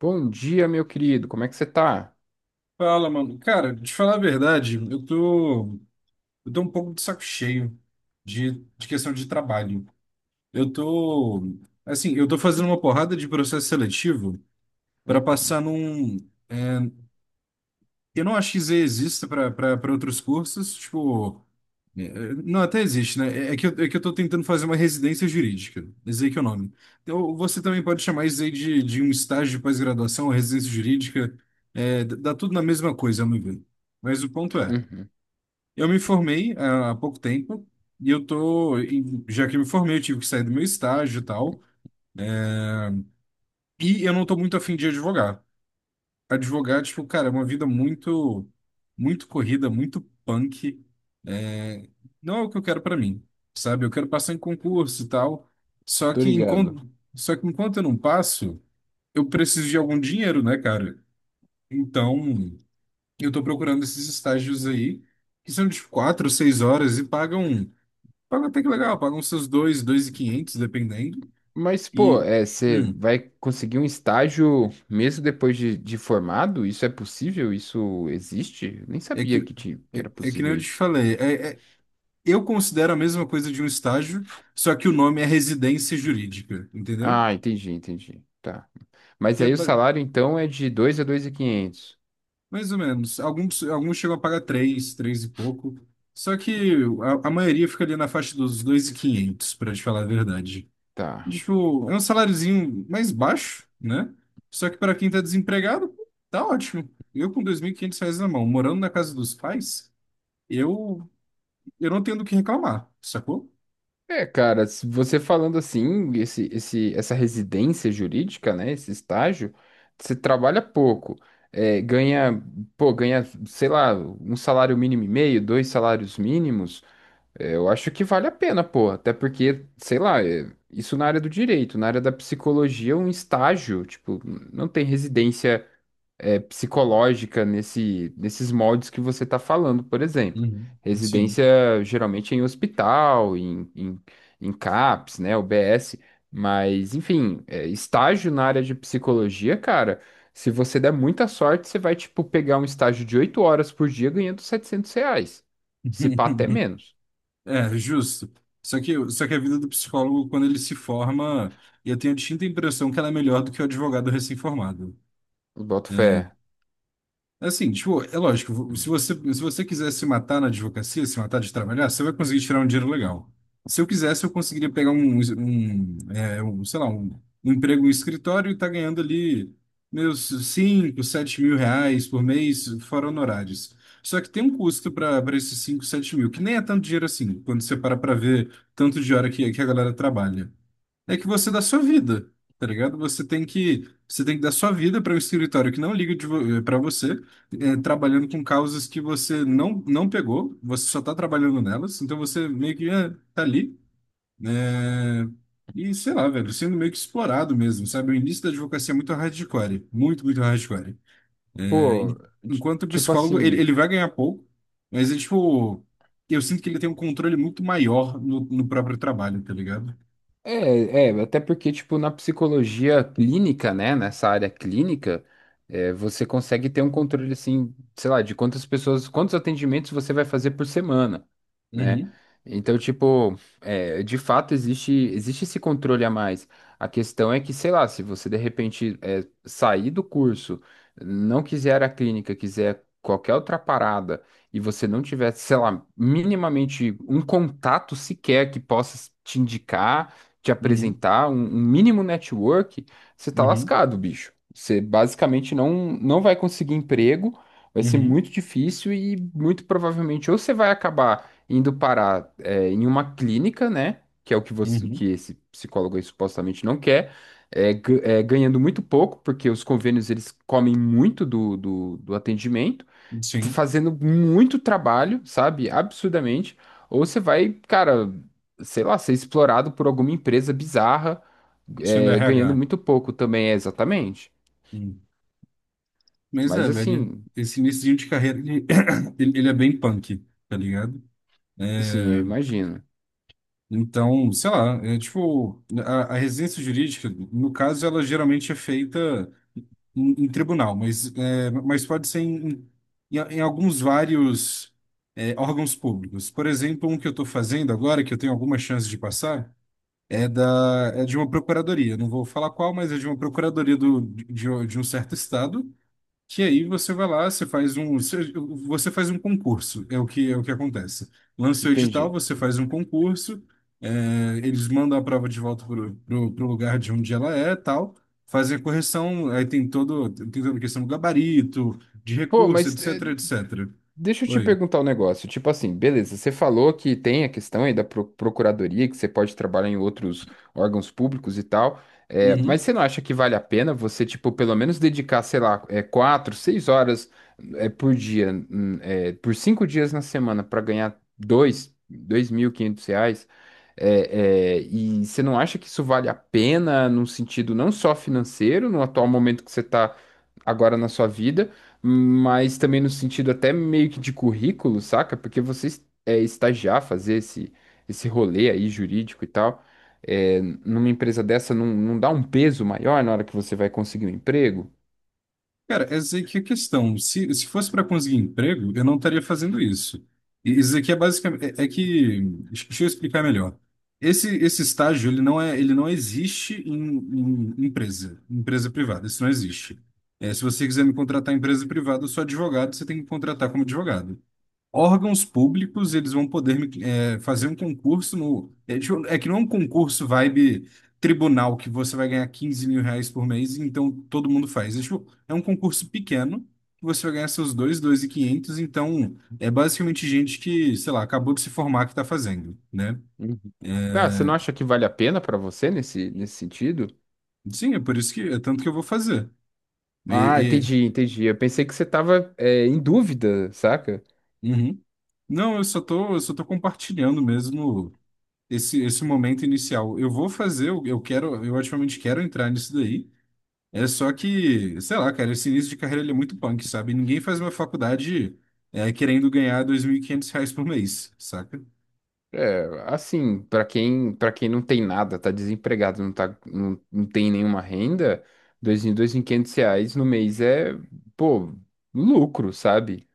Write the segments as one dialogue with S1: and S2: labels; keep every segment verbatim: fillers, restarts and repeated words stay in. S1: Bom dia, meu querido. Como é que você tá?
S2: Fala, mano. Cara, de falar a verdade, eu tô, eu tô um pouco de saco cheio de, de questão de trabalho. Eu tô, assim, eu tô fazendo uma porrada de processo seletivo para
S1: Uhum,
S2: passar num. Eu não acho que Z exista para outros cursos, tipo. é, é, Não, até existe, né? É é que eu, é que eu tô tentando fazer uma residência jurídica. Esse que é o nome. Então, você também pode chamar isso aí de, de um estágio de pós-graduação, residência jurídica. É, dá dá tudo na mesma coisa, ao meu ver. Mas o ponto é.
S1: uhum.
S2: Eu me formei ah, há pouco tempo e eu tô, e já que eu me formei, eu tive que sair do meu estágio e tal, e eu não tô muito afim de advogar. Advogar, tipo, cara, é uma vida muito, muito corrida, muito punk. É, não é o que eu quero pra mim, sabe? Eu quero passar em concurso e tal, só
S1: Tô
S2: que
S1: ligado.
S2: enquanto, só que enquanto eu não passo, eu preciso de algum dinheiro, né, cara? Então, eu tô procurando esses estágios aí, que são de tipo, quatro, seis horas e pagam. Paga até que legal, paga uns seus dois, dois e quinhentos, dependendo.
S1: Mas, pô,
S2: E,
S1: é, você
S2: hum,
S1: vai conseguir um estágio mesmo depois de, de formado? Isso é possível? Isso existe? Eu Nem
S2: é
S1: sabia
S2: que,
S1: que, tinha, que
S2: é,
S1: era
S2: é que nem eu
S1: possível
S2: te
S1: isso.
S2: falei, é, é- eu considero a mesma coisa de um estágio, só que o nome é residência jurídica, entendeu?
S1: Ah, entendi, entendi. Tá. Mas
S2: Que é
S1: aí o
S2: ba-
S1: salário, então, é de dois a dois mil e quinhentos.
S2: mais ou menos, alguns, alguns chegam a pagar três, três e pouco, só que a, a maioria fica ali na faixa dos dois e quinhentos, para te falar a verdade.
S1: Tá.
S2: Tipo, é um saláriozinho mais baixo, né? Só que para quem tá desempregado, pô, tá ótimo. Eu com dois mil e quinhentos reais na mão, morando na casa dos pais, eu, eu não tenho do que reclamar, sacou?
S1: É, cara, se você falando assim, esse, esse, essa residência jurídica, né, esse estágio, você trabalha pouco, é, ganha, pô, ganha, sei lá, um salário mínimo e meio, dois salários mínimos, é, eu acho que vale a pena, pô, até porque, sei lá, é, isso na área do direito, na área da psicologia, um estágio, tipo, não tem residência é, psicológica nesse, nesses moldes que você está falando, por exemplo.
S2: Uhum. Sim.
S1: Residência geralmente é em hospital, em, em, em CAPS, né, U B S, mas enfim, é, estágio na área de psicologia, cara, se você der muita sorte, você vai, tipo, pegar um estágio de oito horas por dia ganhando setecentos reais, se pá até menos,
S2: É, justo. Só que, só que a vida do psicólogo, quando ele se forma, eu tenho a distinta impressão que ela é melhor do que o advogado recém-formado.
S1: boto fé.
S2: Assim, tipo, é lógico, se você, se você quiser se matar na advocacia, se matar de trabalhar, você vai conseguir tirar um dinheiro legal. Se eu quisesse, eu conseguiria pegar um, um, é, um, sei lá, um, um emprego em escritório e tá ganhando ali meus cinco sete mil reais por mês, fora honorários. Só que tem um custo para para esses cinco sete mil, que nem é tanto dinheiro assim, quando você para para ver tanto de hora que, que a galera trabalha é que você dá sua vida, tá ligado? Você tem que, você tem que dar sua vida para um escritório que não liga de vo para você, é, trabalhando com causas que você não, não pegou, você só tá trabalhando nelas, então você meio que é, tá ali, né? E sei lá, velho, sendo meio que explorado mesmo, sabe? O início da advocacia é muito hardcore, muito, muito hardcore. É,
S1: Pô,
S2: en-
S1: ti-
S2: enquanto o
S1: tipo
S2: psicólogo, ele,
S1: assim.
S2: ele vai ganhar pouco, mas é tipo, eu sinto que ele tem um controle muito maior no, no próprio trabalho, tá ligado?
S1: É, é, até porque, tipo, na psicologia clínica, né, nessa área clínica, é, você consegue ter um controle, assim, sei lá, de quantas pessoas, quantos atendimentos você vai fazer por semana, né?
S2: Uhum,
S1: Então, tipo, é, de fato existe, existe esse controle a mais. A questão é que, sei lá, se você de repente é, sair do curso, não quiser a clínica, quiser qualquer outra parada, e você não tiver, sei lá, minimamente um contato sequer que possa te indicar te
S2: uhum,
S1: apresentar um, um mínimo network, você tá
S2: uhum.
S1: lascado, bicho. Você basicamente não, não vai conseguir emprego, vai ser
S2: Uhum,
S1: muito difícil e muito provavelmente ou você vai acabar indo parar é, em uma clínica, né? Que é o que você, o
S2: uhum.
S1: que esse psicólogo aí supostamente não quer, é, ga- é, ganhando muito pouco, porque os convênios eles comem muito do, do do atendimento
S2: Sim,
S1: fazendo muito trabalho, sabe? Absurdamente. Ou você vai, cara, sei lá, ser explorado por alguma empresa bizarra,
S2: sim, do
S1: é, ganhando
S2: R H.
S1: muito pouco também, é exatamente.
S2: Hum. Mas é,
S1: Mas
S2: velho,
S1: assim,
S2: esse início de carreira, ele, ele, ele é bem punk, tá ligado?
S1: assim, eu
S2: É,
S1: imagino.
S2: então, sei lá, é tipo, a, a residência jurídica, no caso, ela geralmente é feita em, em tribunal, mas, é, mas pode ser em, em, em alguns vários é, órgãos públicos. Por exemplo, um que eu estou fazendo agora, que eu tenho alguma chance de passar, É da, é de uma procuradoria, não vou falar qual, mas é de uma procuradoria do, de, de um certo estado, que aí você vai lá, você faz um, você você faz um concurso, é o que, é o que acontece. Lança o edital,
S1: Entendi.
S2: você faz um concurso, é, eles mandam a prova de volta pro, pro, pro lugar de onde ela é, tal, fazem a correção, aí tem todo, tem toda a questão do gabarito, de
S1: Pô,
S2: recurso,
S1: mas
S2: etc,
S1: é,
S2: etcétera.
S1: deixa eu te
S2: Oi.
S1: perguntar um negócio. Tipo assim, beleza, você falou que tem a questão aí da pro- procuradoria, que você pode trabalhar em outros órgãos públicos e tal, é, mas você não acha que vale a pena você, tipo, pelo menos dedicar, sei lá, é, quatro, seis horas é, por dia, hum, é, por cinco dias na semana para ganhar dois, dois mil e quinhentos reais? É, é, e você não acha que isso vale a pena num sentido não só financeiro, no atual momento que você está agora na sua vida? Mas também no sentido até meio que de currículo, saca? Porque você es- é, estagiar, fazer esse, esse rolê aí jurídico e tal, é, numa empresa dessa não, não dá um peso maior na hora que você vai conseguir um emprego?
S2: Cara, essa aí que é a questão. Se, se fosse para conseguir emprego, eu não estaria fazendo isso. E isso aqui é basicamente é, é que deixa eu explicar melhor. Esse, esse estágio ele não é ele não existe em, em empresa empresa privada. Isso não existe. É, se você quiser me contratar em empresa privada, eu sou advogado, você tem que me contratar como advogado órgãos públicos, eles vão poder me, é, fazer um concurso no. É, tipo, é que não é um concurso vibe tribunal que você vai ganhar quinze mil reais por mês, então todo mundo faz. É, tipo, é um concurso pequeno que você vai ganhar seus dois, dois e quinhentos, então é basicamente gente que, sei lá, acabou de se formar que está fazendo, né?
S1: Uhum. Ah, você não acha que vale a pena pra você nesse, nesse sentido?
S2: Sim, é por isso que é tanto que eu vou fazer. E,
S1: Ah,
S2: e-
S1: entendi, entendi. Eu pensei que você tava, é, em dúvida, saca?
S2: uhum. Não, eu só tô, eu só tô compartilhando mesmo esse, esse momento inicial. Eu vou fazer, eu eu quero, eu ativamente quero entrar nisso daí. É só que, sei lá, cara, esse início de carreira ele é muito punk, sabe? Ninguém faz uma faculdade é, querendo ganhar dois mil e quinhentos reais por mês, saca?
S1: Assim, para quem, para quem não tem nada, tá desempregado, não tá, não, não tem nenhuma renda, dois em dois em quinhentos reais no mês é, pô, lucro, sabe?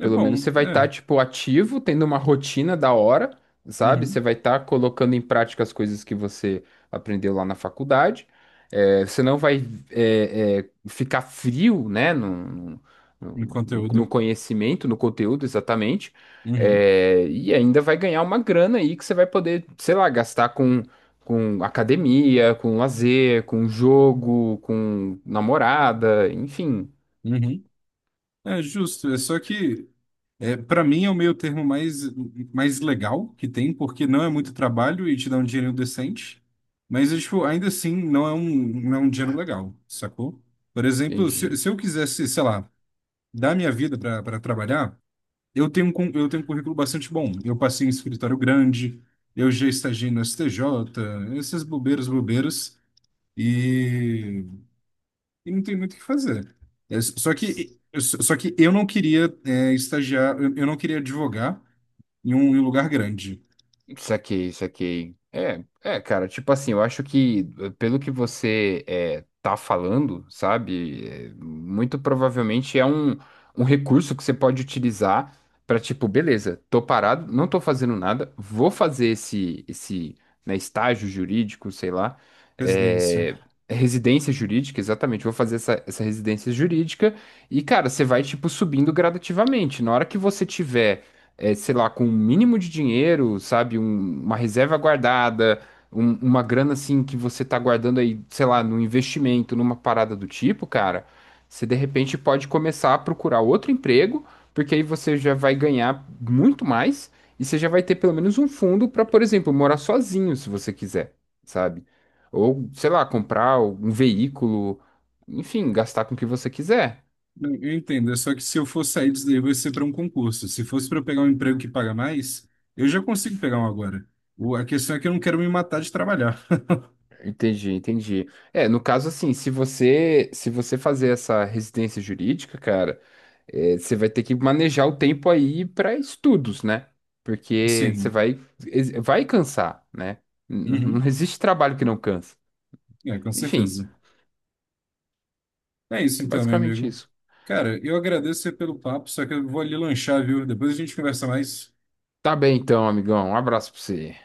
S2: É
S1: Pelo menos
S2: bom,
S1: você vai estar,
S2: é.
S1: tipo, ativo, tendo uma rotina da hora, sabe? Você
S2: Uhum.
S1: vai estar colocando em prática as coisas que você aprendeu lá na faculdade. É, você não vai é, é, ficar frio, né? No,
S2: No
S1: no, no
S2: conteúdo.
S1: conhecimento, no conteúdo, exatamente.
S2: Uhum.
S1: É, e ainda vai ganhar uma grana aí que você vai poder, sei lá, gastar com, com academia, com lazer, com jogo, com namorada, enfim.
S2: Uhum. É justo. É só que, é, para mim, é o meio termo mais, mais legal que tem, porque não é muito trabalho e te dá um dinheiro decente. Mas, é, tipo, ainda assim, não é um, não é um dinheiro legal, sacou? Por exemplo, se,
S1: Entendi.
S2: se eu quisesse, sei lá, dar minha vida para trabalhar. Eu tenho, um cu- eu tenho um currículo bastante bom. Eu passei em escritório grande, eu já estagiei no S T J, essas bobeiras, bobeiras, e, e não tem muito o que fazer. É, s- só que, s- só que eu não queria é, estagiar, eu, eu não queria advogar em um, em um lugar grande,
S1: Saquei, saquei. É, é, cara, tipo assim, eu acho que eh, pelo que você eh, tá falando, sabe, eh, muito provavelmente é um, um recurso que você pode utilizar para tipo, beleza, tô parado, não tô fazendo nada, vou fazer esse, esse, né, estágio jurídico, sei lá,
S2: residência.
S1: eh, residência jurídica, exatamente, vou fazer essa, essa residência jurídica e, cara, você vai, tipo, subindo gradativamente. Na hora que você tiver é, sei lá, com um mínimo de dinheiro, sabe? Um- uma reserva guardada, um- uma grana assim que você tá guardando aí, sei lá, num investimento, numa parada do tipo, cara, você de repente pode começar a procurar outro emprego, porque aí você já vai ganhar muito mais e você já vai ter pelo menos um fundo para, por exemplo, morar sozinho, se você quiser, sabe? Ou, sei lá, comprar um veículo, enfim, gastar com o que você quiser.
S2: Eu eu entendo, é só que se eu for sair disso daí vai ser para um concurso. Se fosse para eu pegar um emprego que paga mais, eu já consigo pegar um agora. O- a questão é que eu não quero me matar de trabalhar.
S1: Entendi, entendi. É, no caso assim, se você se você fazer essa residência jurídica, cara, é, você vai ter que manejar o tempo aí para estudos, né? Porque você
S2: Sim.
S1: vai ex- vai cansar, né? N-
S2: Uhum.
S1: Não existe trabalho que não cansa.
S2: É, com
S1: Enfim,
S2: certeza. É isso
S1: é
S2: então, meu
S1: basicamente
S2: amigo.
S1: isso.
S2: Cara, eu agradeço você pelo papo, só que eu vou ali lanchar, viu? Depois a gente conversa mais.
S1: Tá bem então, amigão. Um abraço para você.